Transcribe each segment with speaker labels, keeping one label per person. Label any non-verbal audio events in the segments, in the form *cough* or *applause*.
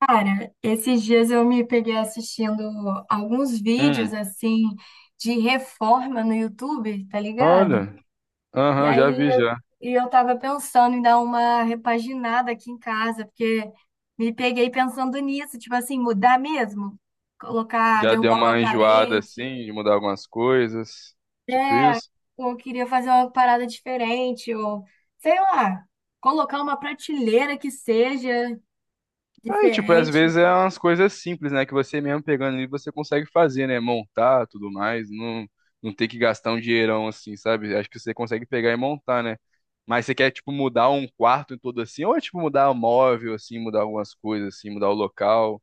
Speaker 1: Cara, esses dias eu me peguei assistindo alguns vídeos
Speaker 2: Hum,
Speaker 1: assim de reforma no YouTube, tá ligado?
Speaker 2: olha.
Speaker 1: E
Speaker 2: Aham, já
Speaker 1: aí
Speaker 2: vi
Speaker 1: eu,
Speaker 2: já.
Speaker 1: e eu tava pensando em dar uma repaginada aqui em casa, porque me peguei pensando nisso, tipo assim, mudar mesmo, colocar,
Speaker 2: Já deu
Speaker 1: derrubar uma
Speaker 2: uma enjoada
Speaker 1: parede,
Speaker 2: assim, de mudar algumas coisas. Tipo
Speaker 1: né?
Speaker 2: isso.
Speaker 1: Ou eu queria fazer uma parada diferente, ou sei lá, colocar uma prateleira que seja
Speaker 2: Aí, tipo, às
Speaker 1: diferente.
Speaker 2: vezes é umas coisas simples, né? Que você mesmo pegando ali, você consegue fazer, né? Montar, tudo mais. Não, não ter que gastar um dinheirão assim, sabe? Acho que você consegue pegar e montar, né? Mas você quer, tipo, mudar um quarto todo assim? Ou é, tipo, mudar o móvel, assim, mudar algumas coisas, assim, mudar o local,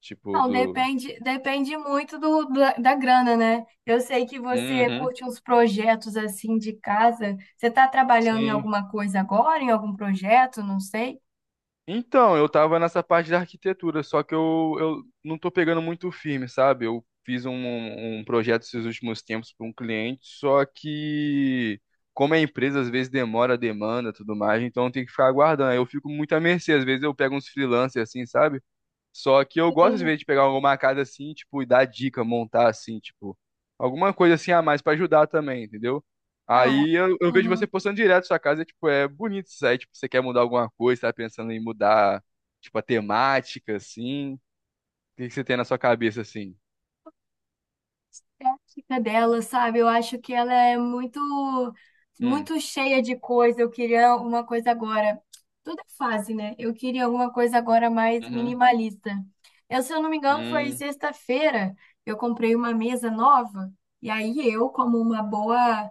Speaker 2: tipo,
Speaker 1: Não,
Speaker 2: do...
Speaker 1: depende, depende muito da grana, né? Eu sei que você
Speaker 2: Uhum.
Speaker 1: curte uns projetos assim de casa. Você está trabalhando em
Speaker 2: Sim.
Speaker 1: alguma coisa agora, em algum projeto? Não sei.
Speaker 2: Então, eu tava nessa parte da arquitetura, só que eu não tô pegando muito firme, sabe? Eu fiz um, um projeto esses últimos tempos para um cliente, só que como é empresa, às vezes demora a demanda, e tudo mais, então tem que ficar aguardando. Aí eu fico muito à mercê, às vezes eu pego uns freelancers assim, sabe? Só que eu gosto, às
Speaker 1: Eu,
Speaker 2: vezes, de pegar alguma casa assim, tipo, e dar dica, montar assim, tipo, alguma coisa assim a mais pra ajudar também, entendeu?
Speaker 1: ah,
Speaker 2: Aí eu vejo você
Speaker 1: uhum,
Speaker 2: postando direto sua casa, e, tipo, é bonito isso aí, tipo, você quer mudar alguma coisa, tá pensando em mudar, tipo, a temática, assim. O que você tem na sua cabeça, assim?
Speaker 1: estética dela, sabe? Eu acho que ela é muito,
Speaker 2: Hum.
Speaker 1: muito cheia de coisa. Eu queria uma coisa agora. Tudo é fase, né? Eu queria alguma coisa agora mais
Speaker 2: Uhum.
Speaker 1: minimalista. Eu, se eu não me engano, foi
Speaker 2: Hum.
Speaker 1: sexta-feira. Eu comprei uma mesa nova. E aí eu, como uma boa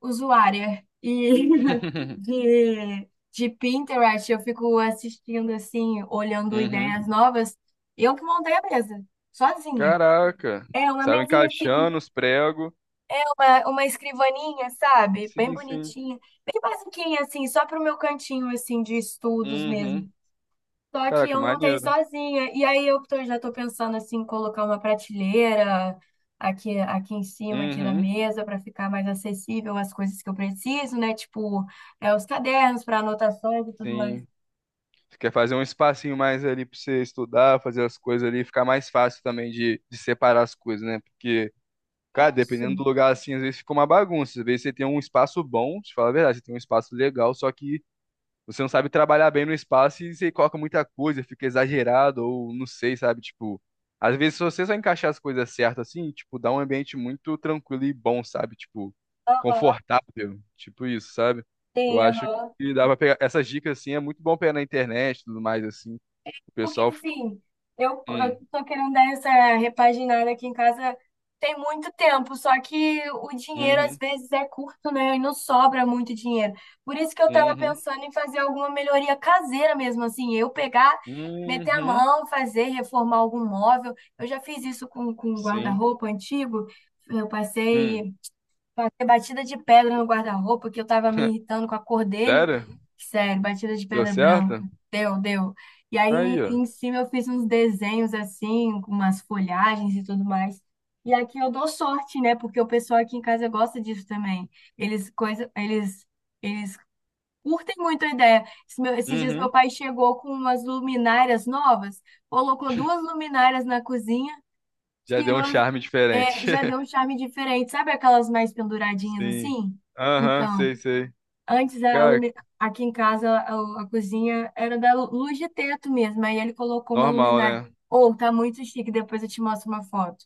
Speaker 1: usuária e *laughs*
Speaker 2: *laughs*
Speaker 1: de Pinterest, eu fico assistindo assim, olhando ideias
Speaker 2: Uhum.
Speaker 1: novas. Eu que montei a mesa, sozinha.
Speaker 2: Caraca,
Speaker 1: É uma
Speaker 2: saiu
Speaker 1: mesinha assim
Speaker 2: encaixando os pregos.
Speaker 1: uma escrivaninha, sabe? Bem
Speaker 2: Sim, sim.
Speaker 1: bonitinha. Bem basiquinha, assim, só pro meu cantinho, assim, de estudos mesmo.
Speaker 2: Uhum.
Speaker 1: Só que
Speaker 2: Caraca,
Speaker 1: eu montei
Speaker 2: maneiro.
Speaker 1: sozinha. E aí eu já tô pensando, assim, em colocar uma prateleira aqui, aqui em cima, aqui na
Speaker 2: Uhum.
Speaker 1: mesa, para ficar mais acessível as coisas que eu preciso, né? Tipo, é, os cadernos para anotações e tudo mais.
Speaker 2: Sim, você quer fazer um espacinho mais ali pra você estudar, fazer as coisas ali, ficar mais fácil também de separar as coisas, né? Porque, cara,
Speaker 1: Isso.
Speaker 2: dependendo do lugar assim, às vezes fica uma bagunça. Às vezes você tem um espaço bom, te falar a verdade, você tem um espaço legal, só que você não sabe trabalhar bem no espaço e você coloca muita coisa, fica exagerado, ou não sei, sabe? Tipo, às vezes, se você só encaixar as coisas certas assim, tipo, dá um ambiente muito tranquilo e bom, sabe? Tipo,
Speaker 1: Aham.
Speaker 2: confortável, tipo isso, sabe? Eu
Speaker 1: Tem,
Speaker 2: acho
Speaker 1: aham.
Speaker 2: que dá pra pegar essas dicas assim, é muito bom pegar na internet e tudo mais, assim. O
Speaker 1: Porque
Speaker 2: pessoal.
Speaker 1: assim, eu
Speaker 2: Hum.
Speaker 1: tô querendo dar essa repaginada aqui em casa tem muito tempo, só que o dinheiro às
Speaker 2: Uhum.
Speaker 1: vezes é curto, né? E não sobra muito dinheiro. Por isso que eu tava
Speaker 2: Uhum.
Speaker 1: pensando em fazer alguma melhoria caseira mesmo, assim, eu pegar, meter a
Speaker 2: Uhum.
Speaker 1: mão, fazer, reformar algum móvel. Eu já fiz isso com um
Speaker 2: Sim.
Speaker 1: guarda-roupa antigo. Eu
Speaker 2: Hum.
Speaker 1: passei Bater batida de pedra no guarda-roupa, que eu tava me
Speaker 2: *laughs*
Speaker 1: irritando com a cor dele.
Speaker 2: Sério?
Speaker 1: Sério, batida de
Speaker 2: Deu
Speaker 1: pedra branca.
Speaker 2: certo?
Speaker 1: Deu, deu. E aí
Speaker 2: Aí,
Speaker 1: em
Speaker 2: ó.
Speaker 1: cima eu fiz uns desenhos assim, com umas folhagens e tudo mais. E aqui eu dou sorte, né? Porque o pessoal aqui em casa gosta disso também. Eles coisa, eles eles curtem muito a ideia. Esses dias meu
Speaker 2: Uhum.
Speaker 1: pai chegou com umas luminárias novas, colocou duas luminárias na cozinha.
Speaker 2: Já deu
Speaker 1: Tirou,
Speaker 2: um
Speaker 1: as-
Speaker 2: charme
Speaker 1: É,
Speaker 2: diferente.
Speaker 1: já deu
Speaker 2: *laughs*
Speaker 1: um charme diferente. Sabe aquelas mais penduradinhas
Speaker 2: Sim.
Speaker 1: assim?
Speaker 2: Aham,
Speaker 1: Então,
Speaker 2: sei, sei.
Speaker 1: antes a
Speaker 2: Cara,
Speaker 1: lumi- aqui em casa a cozinha era da luz de teto mesmo. Aí ele colocou uma
Speaker 2: normal,
Speaker 1: luminária.
Speaker 2: né?
Speaker 1: Ou tá muito chique, depois eu te mostro uma foto.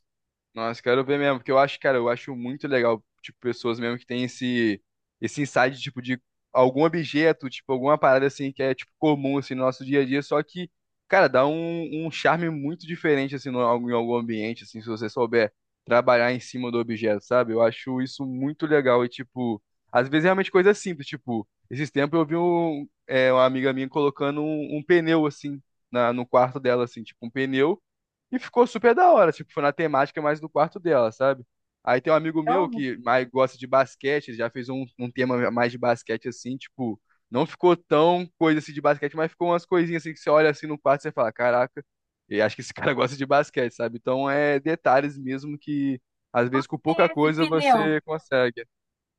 Speaker 2: Nossa, quero ver mesmo, porque eu acho, cara, eu acho muito legal, tipo, pessoas mesmo que têm esse, esse insight, tipo, de algum objeto, tipo, alguma parada, assim, que é, tipo, comum, assim, no nosso dia a dia, só que, cara, dá um, um charme muito diferente, assim, no, em algum ambiente, assim, se você souber trabalhar em cima do objeto, sabe? Eu acho isso muito legal e, tipo, às vezes é realmente coisa simples, tipo, esses tempos eu vi um, é, uma amiga minha colocando um, um pneu, assim, na, no quarto dela, assim, tipo, um pneu, e ficou super da hora, tipo, foi na temática mais do quarto dela, sabe? Aí tem um amigo
Speaker 1: Eu
Speaker 2: meu que mais gosta de basquete, ele já fez um, um tema mais de basquete assim, tipo, não ficou tão coisa assim de basquete, mas ficou umas coisinhas assim que você olha assim no quarto e você fala, caraca, eu acho que esse cara *laughs* gosta de basquete, sabe? Então é detalhes mesmo que às vezes com pouca
Speaker 1: tem esse
Speaker 2: coisa
Speaker 1: pneu.
Speaker 2: você consegue.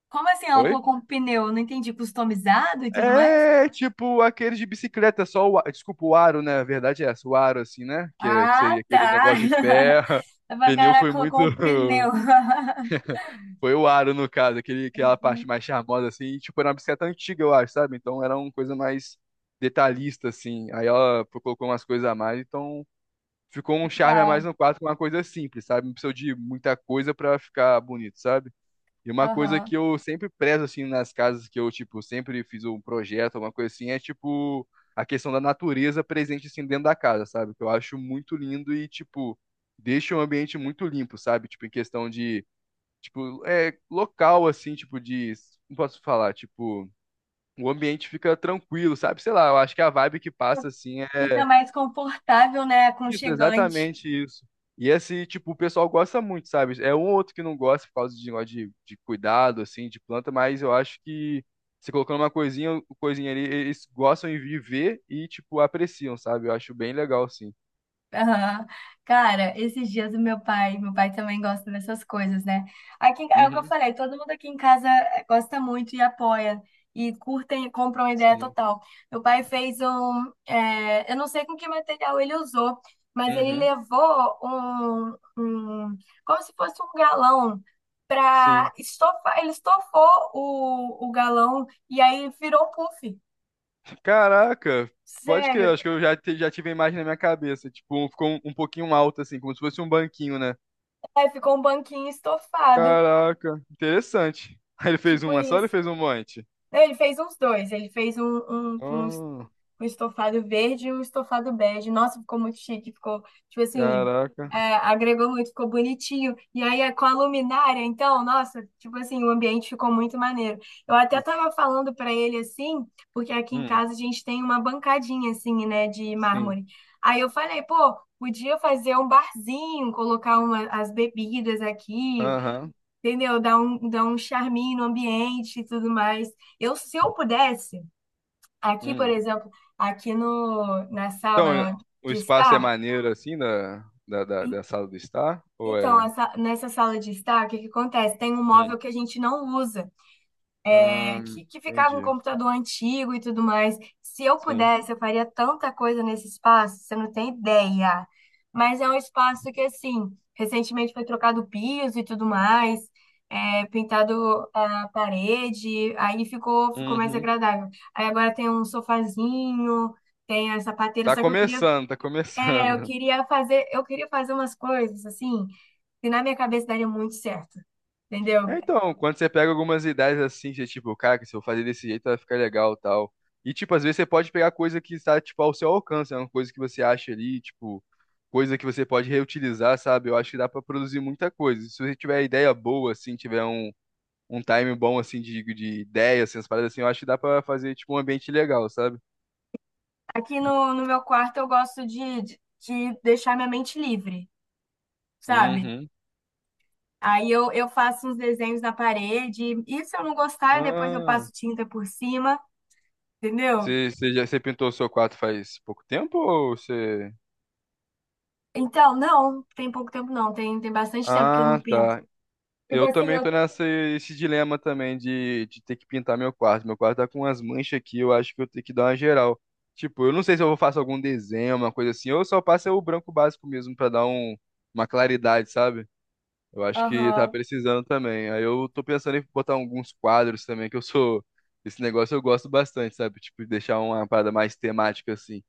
Speaker 1: Como assim ela
Speaker 2: Oi?
Speaker 1: colocou um pneu? Eu não entendi, customizado e tudo mais?
Speaker 2: É tipo aqueles de bicicleta, só desculpa, o aro, né? A verdade é essa, o aro, assim, né? Que, que
Speaker 1: Ah,
Speaker 2: seria aquele
Speaker 1: tá.
Speaker 2: negócio de
Speaker 1: *laughs*
Speaker 2: ferro.
Speaker 1: Eu
Speaker 2: *laughs*
Speaker 1: falei,
Speaker 2: Pneu
Speaker 1: caraca,
Speaker 2: foi muito.
Speaker 1: colocou um pneu.
Speaker 2: *laughs*
Speaker 1: *laughs*
Speaker 2: Foi o aro, no caso, aquele, aquela
Speaker 1: Entendi,
Speaker 2: parte mais charmosa, assim. E, tipo, era uma bicicleta antiga, eu acho, sabe? Então era uma coisa mais detalhista, assim. Aí ela colocou umas coisas a mais, então ficou um charme a mais
Speaker 1: legal.
Speaker 2: no quadro com uma coisa simples, sabe? Não precisou de muita coisa pra ficar bonito, sabe? E uma coisa que
Speaker 1: Aham.
Speaker 2: eu sempre prezo, assim, nas casas que eu, tipo, sempre fiz um projeto, uma coisa assim, é, tipo, a questão da natureza presente, assim, dentro da casa, sabe? Que eu acho muito lindo e, tipo, deixa o ambiente muito limpo, sabe? Tipo, em questão de, tipo, é, local, assim, tipo, de, não posso falar, tipo, o ambiente fica tranquilo, sabe? Sei lá, eu acho que a vibe que passa, assim,
Speaker 1: Fica mais confortável, né?
Speaker 2: isso,
Speaker 1: Aconchegante.
Speaker 2: exatamente isso. E esse, tipo, o pessoal gosta muito, sabe? É um ou outro que não gosta por causa de negócio de cuidado, assim, de planta, mas eu acho que você colocando uma coisinha, coisinha ali, eles gostam de viver e, tipo, apreciam, sabe? Eu acho bem legal, assim.
Speaker 1: Aham. Cara, esses dias o meu pai também gosta dessas coisas, né? Aqui, é o que eu
Speaker 2: Uhum.
Speaker 1: falei, todo mundo aqui em casa gosta muito e apoia, e curtem e compram a ideia
Speaker 2: Sim.
Speaker 1: total. Meu pai fez um, eu não sei com que material ele usou, mas ele
Speaker 2: Uhum.
Speaker 1: levou um, um como se fosse um galão
Speaker 2: Sim.
Speaker 1: para estofar, ele estofou o galão e aí virou um puff.
Speaker 2: Caraca, pode crer,
Speaker 1: Sério,
Speaker 2: acho que eu já, já tive a imagem na minha cabeça. Tipo, um, ficou um, um pouquinho alto, assim, como se fosse um banquinho, né?
Speaker 1: aí ficou um banquinho estofado,
Speaker 2: Caraca, interessante. *laughs* Aí ele fez
Speaker 1: tipo
Speaker 2: uma só, ou ele
Speaker 1: isso.
Speaker 2: fez um monte.
Speaker 1: Não, ele fez uns dois. Ele fez um, um, com um
Speaker 2: Oh,
Speaker 1: um estofado verde e um estofado bege. Nossa, ficou muito chique. Ficou, tipo assim,
Speaker 2: caraca.
Speaker 1: é, agregou muito, ficou bonitinho. E aí, é com a luminária, então, nossa, tipo assim, o ambiente ficou muito maneiro. Eu até tava falando pra ele, assim, porque aqui em
Speaker 2: Hum.
Speaker 1: casa a gente tem uma bancadinha, assim, né, de
Speaker 2: Sim.
Speaker 1: mármore. Aí eu falei, pô, podia fazer um barzinho, colocar uma, as bebidas aqui,
Speaker 2: Aham.
Speaker 1: entendeu? Dá um charminho no ambiente e tudo mais. Eu, se eu pudesse, aqui, por
Speaker 2: Hum.
Speaker 1: exemplo, aqui no, na
Speaker 2: Então, eh,
Speaker 1: sala
Speaker 2: o
Speaker 1: de
Speaker 2: espaço é
Speaker 1: estar,
Speaker 2: maneiro assim da
Speaker 1: en-
Speaker 2: da sala do estar? Ou
Speaker 1: então,
Speaker 2: é.
Speaker 1: nessa sala de estar, o que que acontece? Tem um
Speaker 2: Hum.
Speaker 1: móvel que a gente não usa.
Speaker 2: Ah,
Speaker 1: Que ficava um
Speaker 2: entendi.
Speaker 1: computador antigo e tudo mais. Se eu
Speaker 2: Sim.
Speaker 1: pudesse, eu faria tanta coisa nesse espaço, você não tem ideia. Mas é um espaço que, assim, recentemente foi trocado piso e tudo mais, é, pintado a parede, aí ficou, ficou mais
Speaker 2: Uhum.
Speaker 1: agradável. Aí agora tem um sofazinho, tem a sapateira,
Speaker 2: Tá
Speaker 1: só que eu queria,
Speaker 2: começando, tá
Speaker 1: é,
Speaker 2: começando. *laughs*
Speaker 1: eu queria fazer umas coisas, assim, que na minha cabeça daria muito certo. Entendeu?
Speaker 2: É, então, quando você pega algumas ideias assim, você tipo, cara, se eu fazer desse jeito vai ficar legal e tal. E, tipo, às vezes você pode pegar coisa que está, tipo, ao seu alcance, é uma coisa que você acha ali, tipo, coisa que você pode reutilizar, sabe? Eu acho que dá pra produzir muita coisa. Se você tiver ideia boa, assim, tiver um um time bom, assim, de ideia, assim, as paradas assim, eu acho que dá pra fazer, tipo, um ambiente legal, sabe?
Speaker 1: Aqui no meu quarto eu gosto de deixar minha mente livre, sabe?
Speaker 2: Uhum.
Speaker 1: Aí eu faço uns desenhos na parede, e se eu não gostar, depois eu
Speaker 2: Ah,
Speaker 1: passo tinta por cima, entendeu?
Speaker 2: você pintou o seu quarto faz pouco tempo ou você...
Speaker 1: Então, não, tem pouco tempo não, tem bastante tempo que eu não
Speaker 2: Ah,
Speaker 1: pinto.
Speaker 2: tá.
Speaker 1: Tipo
Speaker 2: Eu
Speaker 1: assim,
Speaker 2: também
Speaker 1: eu.
Speaker 2: tô nessa esse dilema também de ter que pintar meu quarto. Meu quarto tá com umas manchas aqui, eu acho que eu tenho que dar uma geral. Tipo, eu não sei se eu vou fazer algum desenho, uma coisa assim, ou eu só passo o branco básico mesmo pra dar um, uma claridade, sabe? Eu acho que tá
Speaker 1: Aham,
Speaker 2: precisando também. Aí eu tô pensando em botar alguns quadros também, que eu sou. Esse negócio eu gosto bastante, sabe? Tipo, deixar uma parada mais temática assim.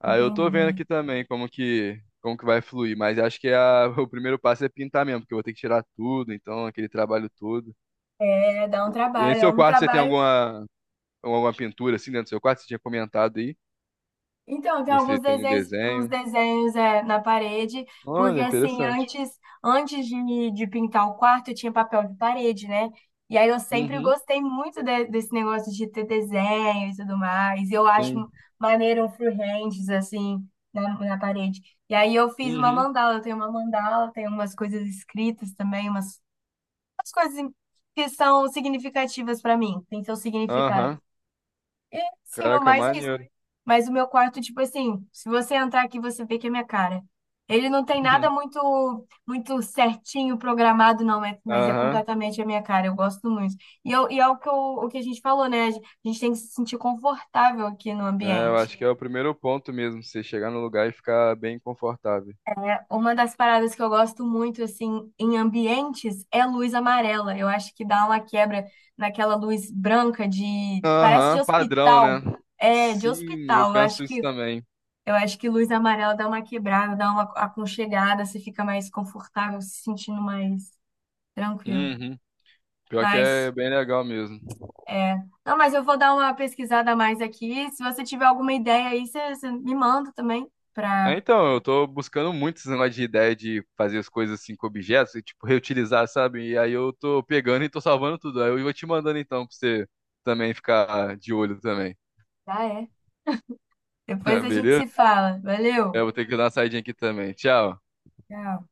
Speaker 2: Aí eu tô vendo
Speaker 1: entendi.
Speaker 2: aqui também como que vai fluir, mas acho que é *laughs* o primeiro passo é pintar mesmo, porque eu vou ter que tirar tudo, então, aquele trabalho todo.
Speaker 1: É, dá um
Speaker 2: E em
Speaker 1: trabalho, é
Speaker 2: seu
Speaker 1: um
Speaker 2: quarto você tem
Speaker 1: trabalho.
Speaker 2: alguma, alguma pintura assim dentro do seu quarto? Você tinha comentado aí?
Speaker 1: Então, tem
Speaker 2: Você
Speaker 1: alguns
Speaker 2: tem algum
Speaker 1: desenhos, uns
Speaker 2: desenho?
Speaker 1: desenhos é, na parede, porque
Speaker 2: Olha,
Speaker 1: assim,
Speaker 2: interessante.
Speaker 1: antes, antes de pintar o quarto, eu tinha papel de parede, né? E aí eu sempre
Speaker 2: Uhum,
Speaker 1: gostei muito desse negócio de ter desenho e tudo mais. Eu acho
Speaker 2: sim.
Speaker 1: maneiro um freehands, assim, na parede. E aí eu fiz uma
Speaker 2: Uhum,
Speaker 1: mandala, eu tenho uma mandala, tenho umas coisas escritas também, umas, umas coisas que são significativas para mim, tem seu significado.
Speaker 2: aham.
Speaker 1: Sim, no
Speaker 2: Caraca,
Speaker 1: mais é isso.
Speaker 2: maneiro.
Speaker 1: Mas o meu quarto, tipo assim, se você entrar aqui, você vê que é minha cara. Ele não tem nada
Speaker 2: *laughs*
Speaker 1: muito muito certinho programado, não, mas é
Speaker 2: Aham.
Speaker 1: completamente a minha cara. Eu gosto muito. E, eu, e é o que, eu- o que a gente falou, né? A gente tem que se sentir confortável aqui no
Speaker 2: É, eu
Speaker 1: ambiente.
Speaker 2: acho que é o primeiro ponto mesmo, você chegar no lugar e ficar bem confortável.
Speaker 1: Uma das paradas que eu gosto muito, assim, em ambientes é luz amarela. Eu acho que dá uma quebra naquela luz branca de... parece de
Speaker 2: Aham, padrão,
Speaker 1: hospital.
Speaker 2: né?
Speaker 1: É, de
Speaker 2: Sim, eu
Speaker 1: hospital.
Speaker 2: penso isso também.
Speaker 1: Eu acho que luz amarela dá uma quebrada, dá uma aconchegada, você fica mais confortável, se sentindo mais tranquilo.
Speaker 2: Uhum. Pior que é
Speaker 1: Mas,
Speaker 2: bem legal mesmo.
Speaker 1: é. Não, mas eu vou dar uma pesquisada a mais aqui. Se você tiver alguma ideia aí, você me manda também
Speaker 2: É,
Speaker 1: pra.
Speaker 2: então, eu tô buscando muito esse negócio de ideia de fazer as coisas assim com objetos e, tipo, reutilizar, sabe? E aí eu tô pegando e tô salvando tudo. Aí eu vou te mandando então pra você também ficar de olho também.
Speaker 1: Ah, é. Depois a
Speaker 2: *laughs*
Speaker 1: gente
Speaker 2: Beleza?
Speaker 1: se fala. Valeu!
Speaker 2: Eu vou ter que dar uma saidinha aqui também. Tchau.
Speaker 1: Tchau.